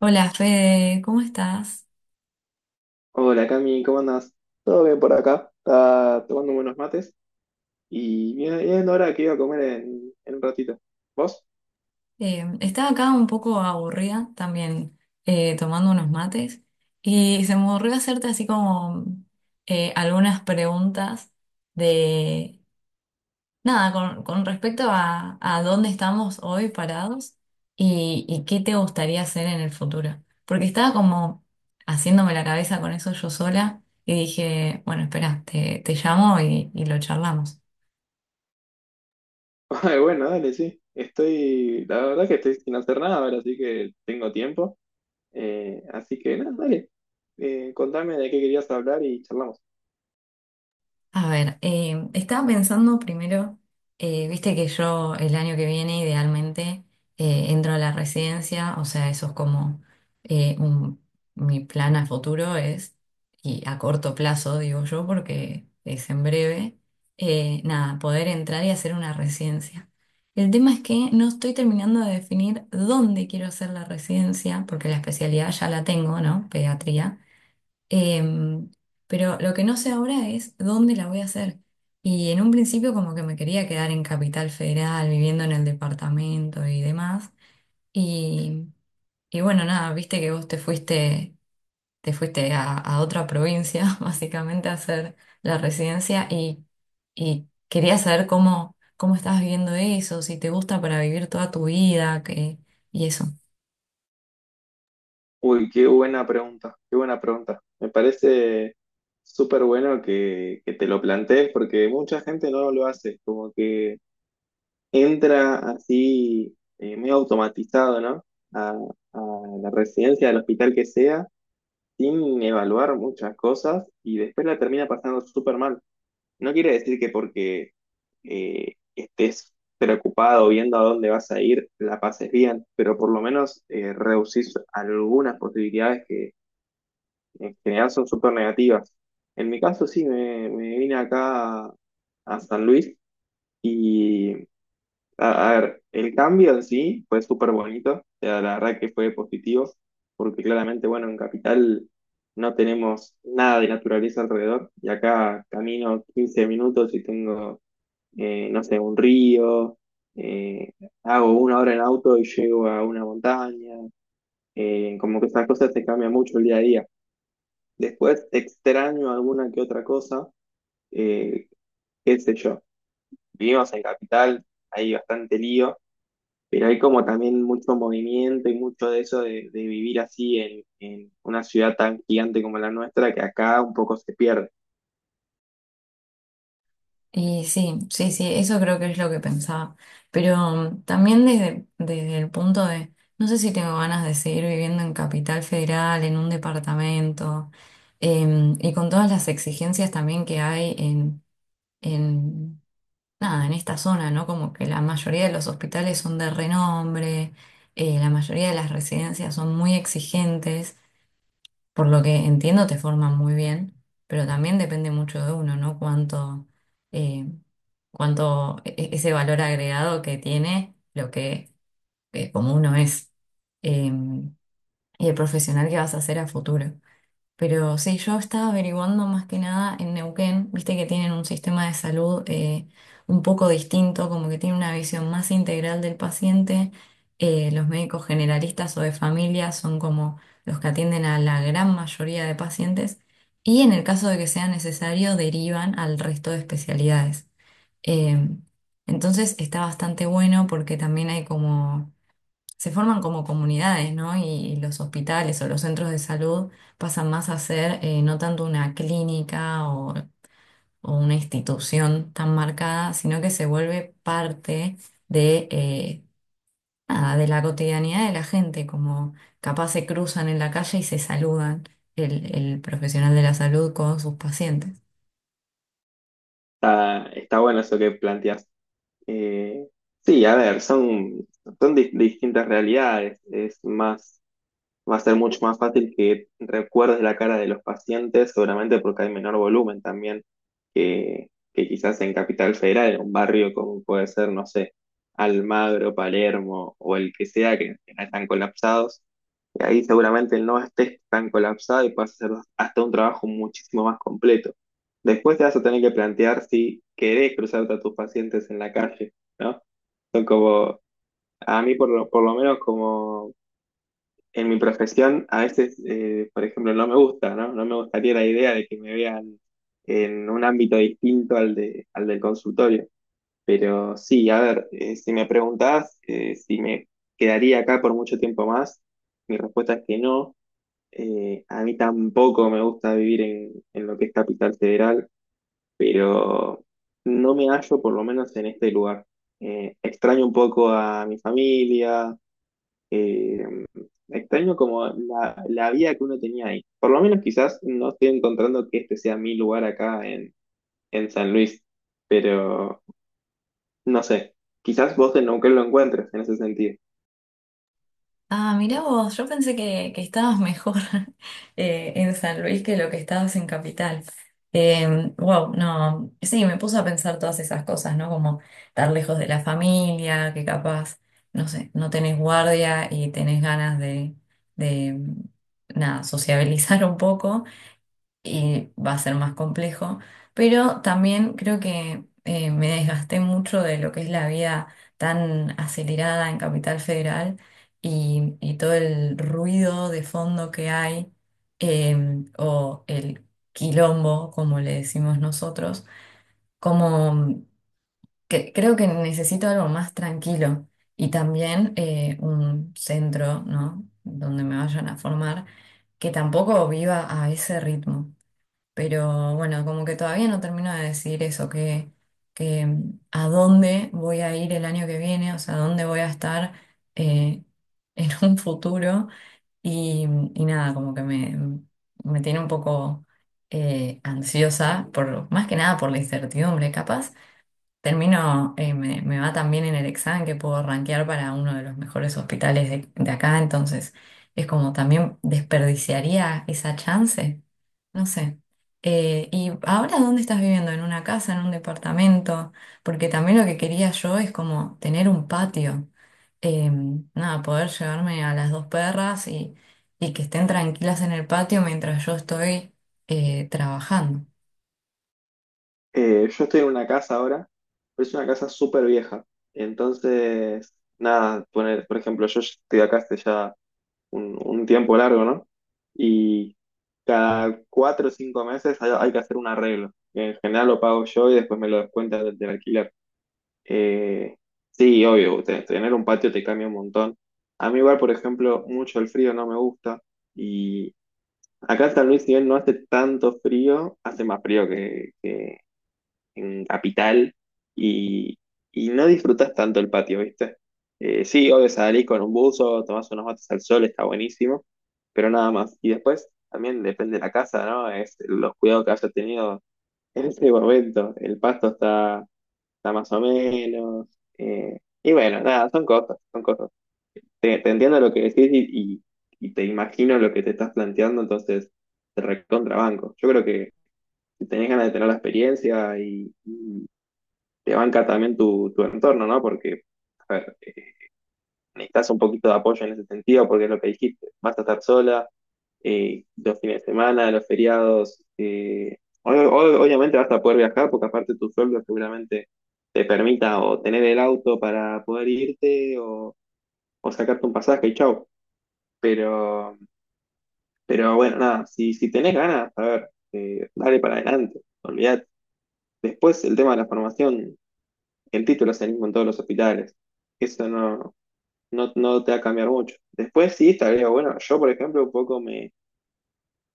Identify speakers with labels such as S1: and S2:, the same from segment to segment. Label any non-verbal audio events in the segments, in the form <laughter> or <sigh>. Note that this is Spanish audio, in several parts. S1: Hola Fede, ¿cómo estás?
S2: Hola Cami, ¿cómo andás? Todo bien por acá, está tomando buenos mates y bien ahora que iba a comer en un ratito. ¿Vos?
S1: Estaba acá un poco aburrida también, tomando unos mates, y se me ocurrió hacerte así como algunas preguntas de nada con respecto a dónde estamos hoy parados y qué te gustaría hacer en el futuro. Porque estaba como haciéndome la cabeza con eso yo sola y dije, bueno, espera, te llamo y lo charlamos.
S2: <laughs> Ay, bueno, dale, sí. La verdad que estoy sin hacer nada ahora, así que tengo tiempo. Así que nada, dale. Contame de qué querías hablar y charlamos.
S1: A ver, estaba pensando primero, viste que yo el año que viene idealmente entro a la residencia, o sea, eso es como eh, un- mi plan a futuro es, y a corto plazo digo yo, porque es en breve, nada, poder entrar y hacer una residencia. El tema es que no estoy terminando de definir dónde quiero hacer la residencia, porque la especialidad ya la tengo, ¿no? Pediatría. Em, pero lo que no sé ahora es dónde la voy a hacer. Y en un principio como que me quería quedar en Capital Federal, viviendo en el departamento y demás. Y, y bueno, nada, viste que vos te fuiste a otra provincia, <laughs> básicamente, a hacer la residencia y quería saber cómo, cómo estás viviendo eso, si te gusta para vivir toda tu vida, que, y eso.
S2: Uy, qué buena pregunta, qué buena pregunta. Me parece súper bueno que te lo plantees porque mucha gente no lo hace, como que entra así, medio automatizado, ¿no? A, a la residencia del hospital que sea, sin evaluar muchas cosas y después la termina pasando súper mal. No quiere decir que porque estés preocupado viendo a dónde vas a ir, la pases bien, pero por lo menos reducís algunas posibilidades que en general son súper negativas. En mi caso sí, me vine acá a San Luis. Y a ver, el cambio en sí fue súper bonito, o sea, la verdad que fue positivo, porque claramente, bueno, en Capital no tenemos nada de naturaleza alrededor, y acá camino 15 minutos y tengo, no sé, un río, eh, hago una hora en auto y llego a una montaña. Como que esas cosas te cambian mucho el día a día. Después extraño alguna que otra cosa, eh, qué sé yo, vivimos en Capital, hay bastante lío. Pero hay como también mucho movimiento y mucho de eso de vivir así en una ciudad tan gigante como la nuestra, que acá un poco se pierde.
S1: Y sí, sí, sí, eso creo que es lo que pensaba. Pero también desde, desde el punto de, no sé si tengo ganas de seguir viviendo en Capital Federal, en un departamento, y con todas las exigencias también que hay en nada, en esta zona, ¿no? Como que la mayoría de los hospitales son de renombre, la mayoría de las residencias son muy exigentes. Por lo que entiendo, te forman muy bien, pero también depende mucho de uno, ¿no? Cuánto, eh, cuánto ese valor agregado que tiene lo que, como uno es, eh, y el profesional que vas a ser a futuro. Pero sí, yo estaba averiguando más que nada en Neuquén, viste que tienen un sistema de salud un poco distinto, como que tiene una visión más integral del paciente. Los médicos generalistas o de familia son como los que atienden a la gran mayoría de pacientes y en el caso de que sea necesario derivan al resto de especialidades. Eh, entonces está bastante bueno porque también hay como se forman como comunidades, ¿no? Y los hospitales o los centros de salud pasan más a ser, no tanto una clínica o una institución tan marcada, sino que se vuelve parte de nada, de la cotidianidad de la gente, como capaz se cruzan en la calle y se saludan el profesional de la salud con sus pacientes.
S2: Está bueno eso que planteas. Eh, sí, a ver, son distintas realidades. Es más. Va a ser mucho más fácil que recuerdes la cara de los pacientes, seguramente porque hay menor volumen también que quizás en Capital Federal, en un barrio como puede ser, no sé, Almagro, Palermo o el que sea, que no están colapsados. Y ahí seguramente no estés tan colapsado y puedas hacer hasta un trabajo muchísimo más completo. Después te vas a tener que plantear si querés cruzarte a tus pacientes en la calle, ¿no? Son como, a mí por lo menos como en mi profesión a veces, por ejemplo, no me gusta, ¿no? No me gustaría la idea de que me vean en un ámbito distinto al del consultorio. Pero sí, a ver, si me preguntás si me quedaría acá por mucho tiempo más, mi respuesta es que no. A mí tampoco me gusta vivir en lo que es Capital Federal, pero no me hallo por lo menos en este lugar. Extraño un poco a mi familia, eh, extraño como la vida que uno tenía ahí. Por lo menos quizás no estoy encontrando que este sea mi lugar acá en San Luis, pero no sé, quizás vos en Neuquén lo encuentres en ese sentido.
S1: Ah, mirá vos, yo pensé que estabas mejor, <laughs> en San Luis que lo que estabas en Capital. Eh, wow, no, sí, me puso a pensar todas esas cosas, ¿no? Como estar lejos de la familia, que capaz, no sé, no tenés guardia y tenés ganas de, nada, sociabilizar un poco y va a ser más complejo, pero también creo que, me desgasté mucho de lo que es la vida tan acelerada en Capital Federal y todo el ruido de fondo que hay, eh, o el quilombo, como le decimos nosotros, como que creo que necesito algo más tranquilo y también, un centro, ¿no? Donde me vayan a formar, que tampoco viva a ese ritmo. Pero bueno, como que todavía no termino de decidir eso, que a dónde voy a ir el año que viene, o sea, dónde voy a estar, eh, en <laughs> un futuro. Y, y nada, como que me tiene un poco, ansiosa, por, más que nada por la incertidumbre. Capaz termino, me va también en el examen que puedo rankear para uno de los mejores hospitales de acá, entonces es como también desperdiciaría esa chance. No sé. ¿Y ahora dónde estás viviendo? ¿En una casa, en un departamento? Porque también lo que quería yo es como tener un patio. Eh, Nada, poder llevarme a las dos perras y que estén tranquilas en el patio mientras yo estoy, trabajando.
S2: Yo estoy en una casa ahora, pero es una casa súper vieja. Entonces, nada, poner, por ejemplo, yo estoy acá hace ya un tiempo largo, ¿no? Y cada 4 o 5 meses hay que hacer un arreglo que en general lo pago yo y después me lo descuentan del alquiler. Eh, sí, obvio, tener un patio te cambia un montón. A mí igual, por ejemplo, mucho el frío no me gusta y acá en San Luis, si bien no hace tanto frío, hace más frío que en Capital y, y no disfrutas tanto el patio, ¿viste? Sí, obvio, salís con un buzo, tomás unos mates al sol, está buenísimo, pero nada más. Y después también depende de la casa, ¿no? Es los cuidados que haya tenido en ese momento. El pasto está más o menos. eh, y bueno, nada, son cosas, son cosas. Te entiendo lo que decís y te imagino lo que te estás planteando, entonces te recontrabanco. Yo creo que si tenés ganas de tener la experiencia y te banca también tu entorno, ¿no? Porque, a ver, necesitas un poquito de apoyo en ese sentido, porque es lo que dijiste, vas a estar sola, los fines de semana, los feriados. Obviamente vas a poder viajar porque aparte tu sueldo seguramente te permita o tener el auto para poder irte o sacarte un pasaje y chau. Pero, pero bueno, nada, si tenés ganas, a ver, dale para adelante, olvidate. Después el tema de la formación, el título es el mismo en todos los hospitales. Eso no te va a cambiar mucho. Después sí, estaría bueno. Yo, por ejemplo, un poco me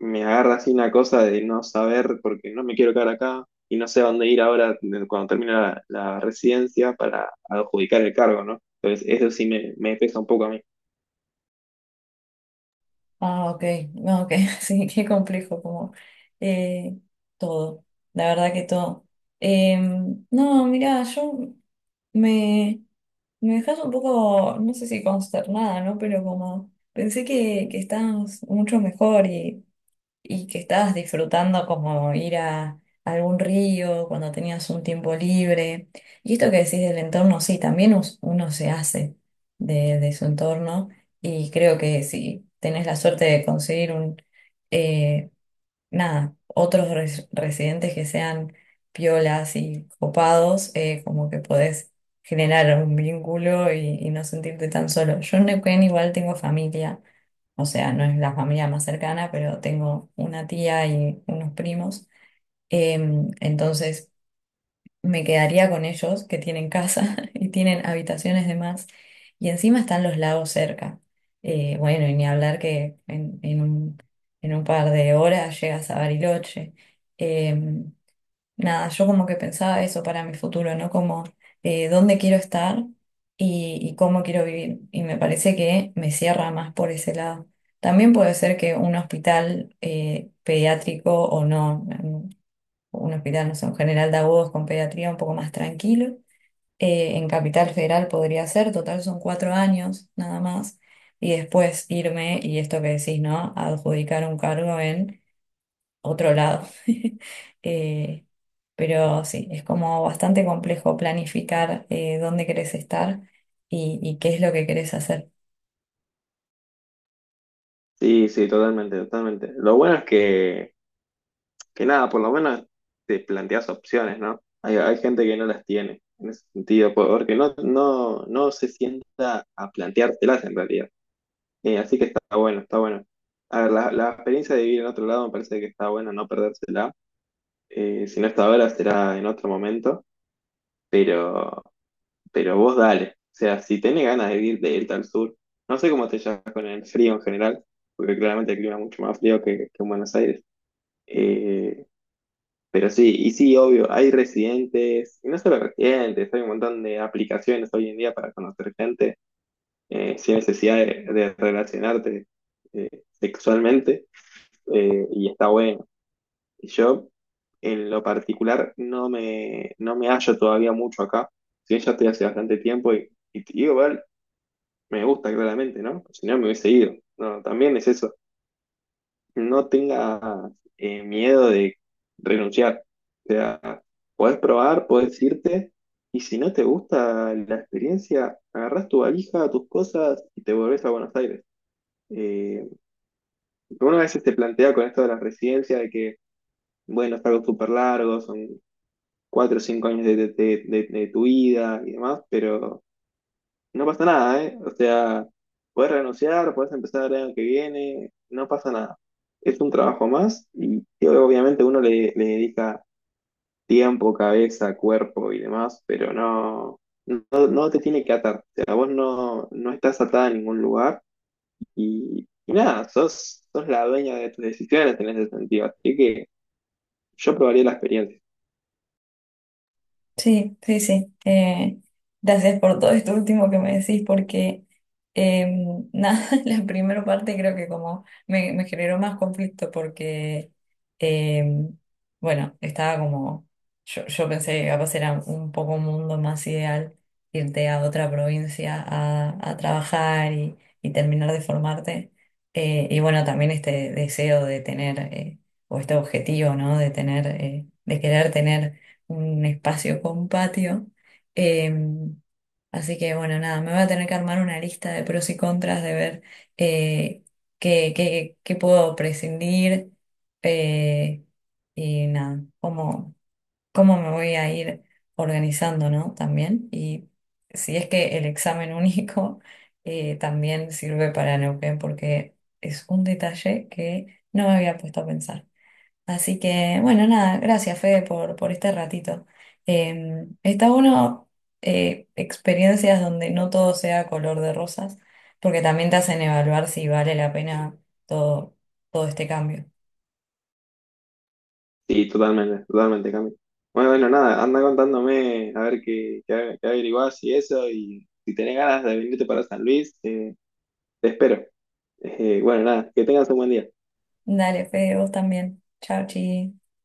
S2: me agarra así una cosa de no saber porque no me quiero quedar acá y no sé a dónde ir ahora cuando termine la residencia para adjudicar el cargo, ¿no? Entonces eso sí me pesa un poco a mí.
S1: Ah, ok, no, ok, <laughs> sí, qué complejo, como eh, todo, la verdad que todo. No, mira, yo me... Me dejas un poco, no sé si consternada, ¿no? Pero como pensé que estabas mucho mejor y que estabas disfrutando como ir a algún río cuando tenías un tiempo libre. Y esto que decís del entorno, sí, también uno se hace de su entorno y creo que si tenés la suerte de conseguir un, eh, nada, otros residentes que sean piolas y copados, como que podés generar un vínculo y no sentirte tan solo. Yo en Neuquén igual tengo familia, o sea, no es la familia más cercana, pero tengo una tía y unos primos. Entonces me quedaría con ellos, que tienen casa <laughs> y tienen habitaciones de más, y encima están los lagos cerca. Bueno, y ni hablar que en un par de horas llegas a Bariloche. Eh, Nada, yo como que pensaba eso para mi futuro, ¿no? Como, dónde quiero estar y cómo quiero vivir. Y me parece que me cierra más por ese lado. También puede ser que un hospital, pediátrico o no, un hospital, no sé, un general de agudos con pediatría un poco más tranquilo. En Capital Federal podría ser, total son cuatro años nada más. Y después irme, y esto que decís, ¿no? Adjudicar un cargo en otro lado. <laughs> Eh, pero sí, es como bastante complejo planificar, dónde querés estar y qué es lo que querés hacer.
S2: Sí, sí, totalmente, totalmente. Lo bueno es que nada, por lo menos te planteas opciones, ¿no? Hay gente que no las tiene en ese sentido, porque no se sienta a planteárselas en realidad. Así que está bueno, está bueno. A ver, la experiencia de vivir en otro lado me parece que está bueno no perdérsela. Si no está ahora, será en otro momento, pero, pero vos dale. O sea, si tenés ganas de irte al sur, no sé cómo te llevas con el frío en general, porque claramente el clima es mucho más frío que en Buenos Aires. Eh, pero sí, y sí, obvio, hay residentes, y no solo residentes, hay un montón de aplicaciones hoy en día para conocer gente sin necesidad de relacionarte sexualmente, y está bueno. Yo, en lo particular, no me hallo todavía mucho acá. Si bien ya estoy hace bastante tiempo y te digo, igual me gusta claramente, ¿no? Si no, me hubiese ido. No, también es eso. No tengas miedo de renunciar. O sea, podés probar, podés irte. Y si no te gusta la experiencia, agarrás tu valija, tus cosas y te volvés a Buenos Aires. Eh, Uno a veces te plantea con esto de las residencias de que, bueno, es algo súper largo, son 4 o 5 años de tu vida y demás, pero no pasa nada, ¿eh? O sea, puedes renunciar, puedes empezar el año que viene, no pasa nada. Es un trabajo más y obviamente uno le dedica tiempo, cabeza, cuerpo y demás, pero no, no te tiene que atar. O sea, vos no estás atada a ningún lugar y nada, sos la dueña de tus decisiones en ese sentido. Así que yo probaría la experiencia.
S1: Sí, sí, sí. Gracias por todo esto último que me decís, porque nada, <laughs> la primera parte creo que como me generó más conflicto porque, em, bueno, estaba como, yo pensé que capaz era un poco un mundo más ideal irte a otra provincia a trabajar y terminar de formarte. Y bueno, también este deseo de tener, o este objetivo, ¿no? De tener, de querer tener un espacio con patio. Em, Así que bueno, nada, me voy a tener que armar una lista de pros y contras de ver, eh, qué, qué puedo prescindir, eh, y nada, cómo, cómo me voy a ir organizando, ¿no? También. Y si es que el examen <laughs> único, también sirve para Neuquén porque es un detalle que no me había puesto a pensar. Así que, bueno, nada, gracias Fede por este ratito. Está bueno, experiencias donde no todo sea color de rosas, porque también te hacen evaluar si vale la pena todo, todo este cambio.
S2: Sí, totalmente, totalmente, Cami. Bueno, bueno, nada, anda contándome a ver qué averiguás y eso, y si tenés ganas de venirte para San Luis, te espero. Bueno, nada, que tengas un buen día.
S1: Dale, Fede, vos también. Chao, chi.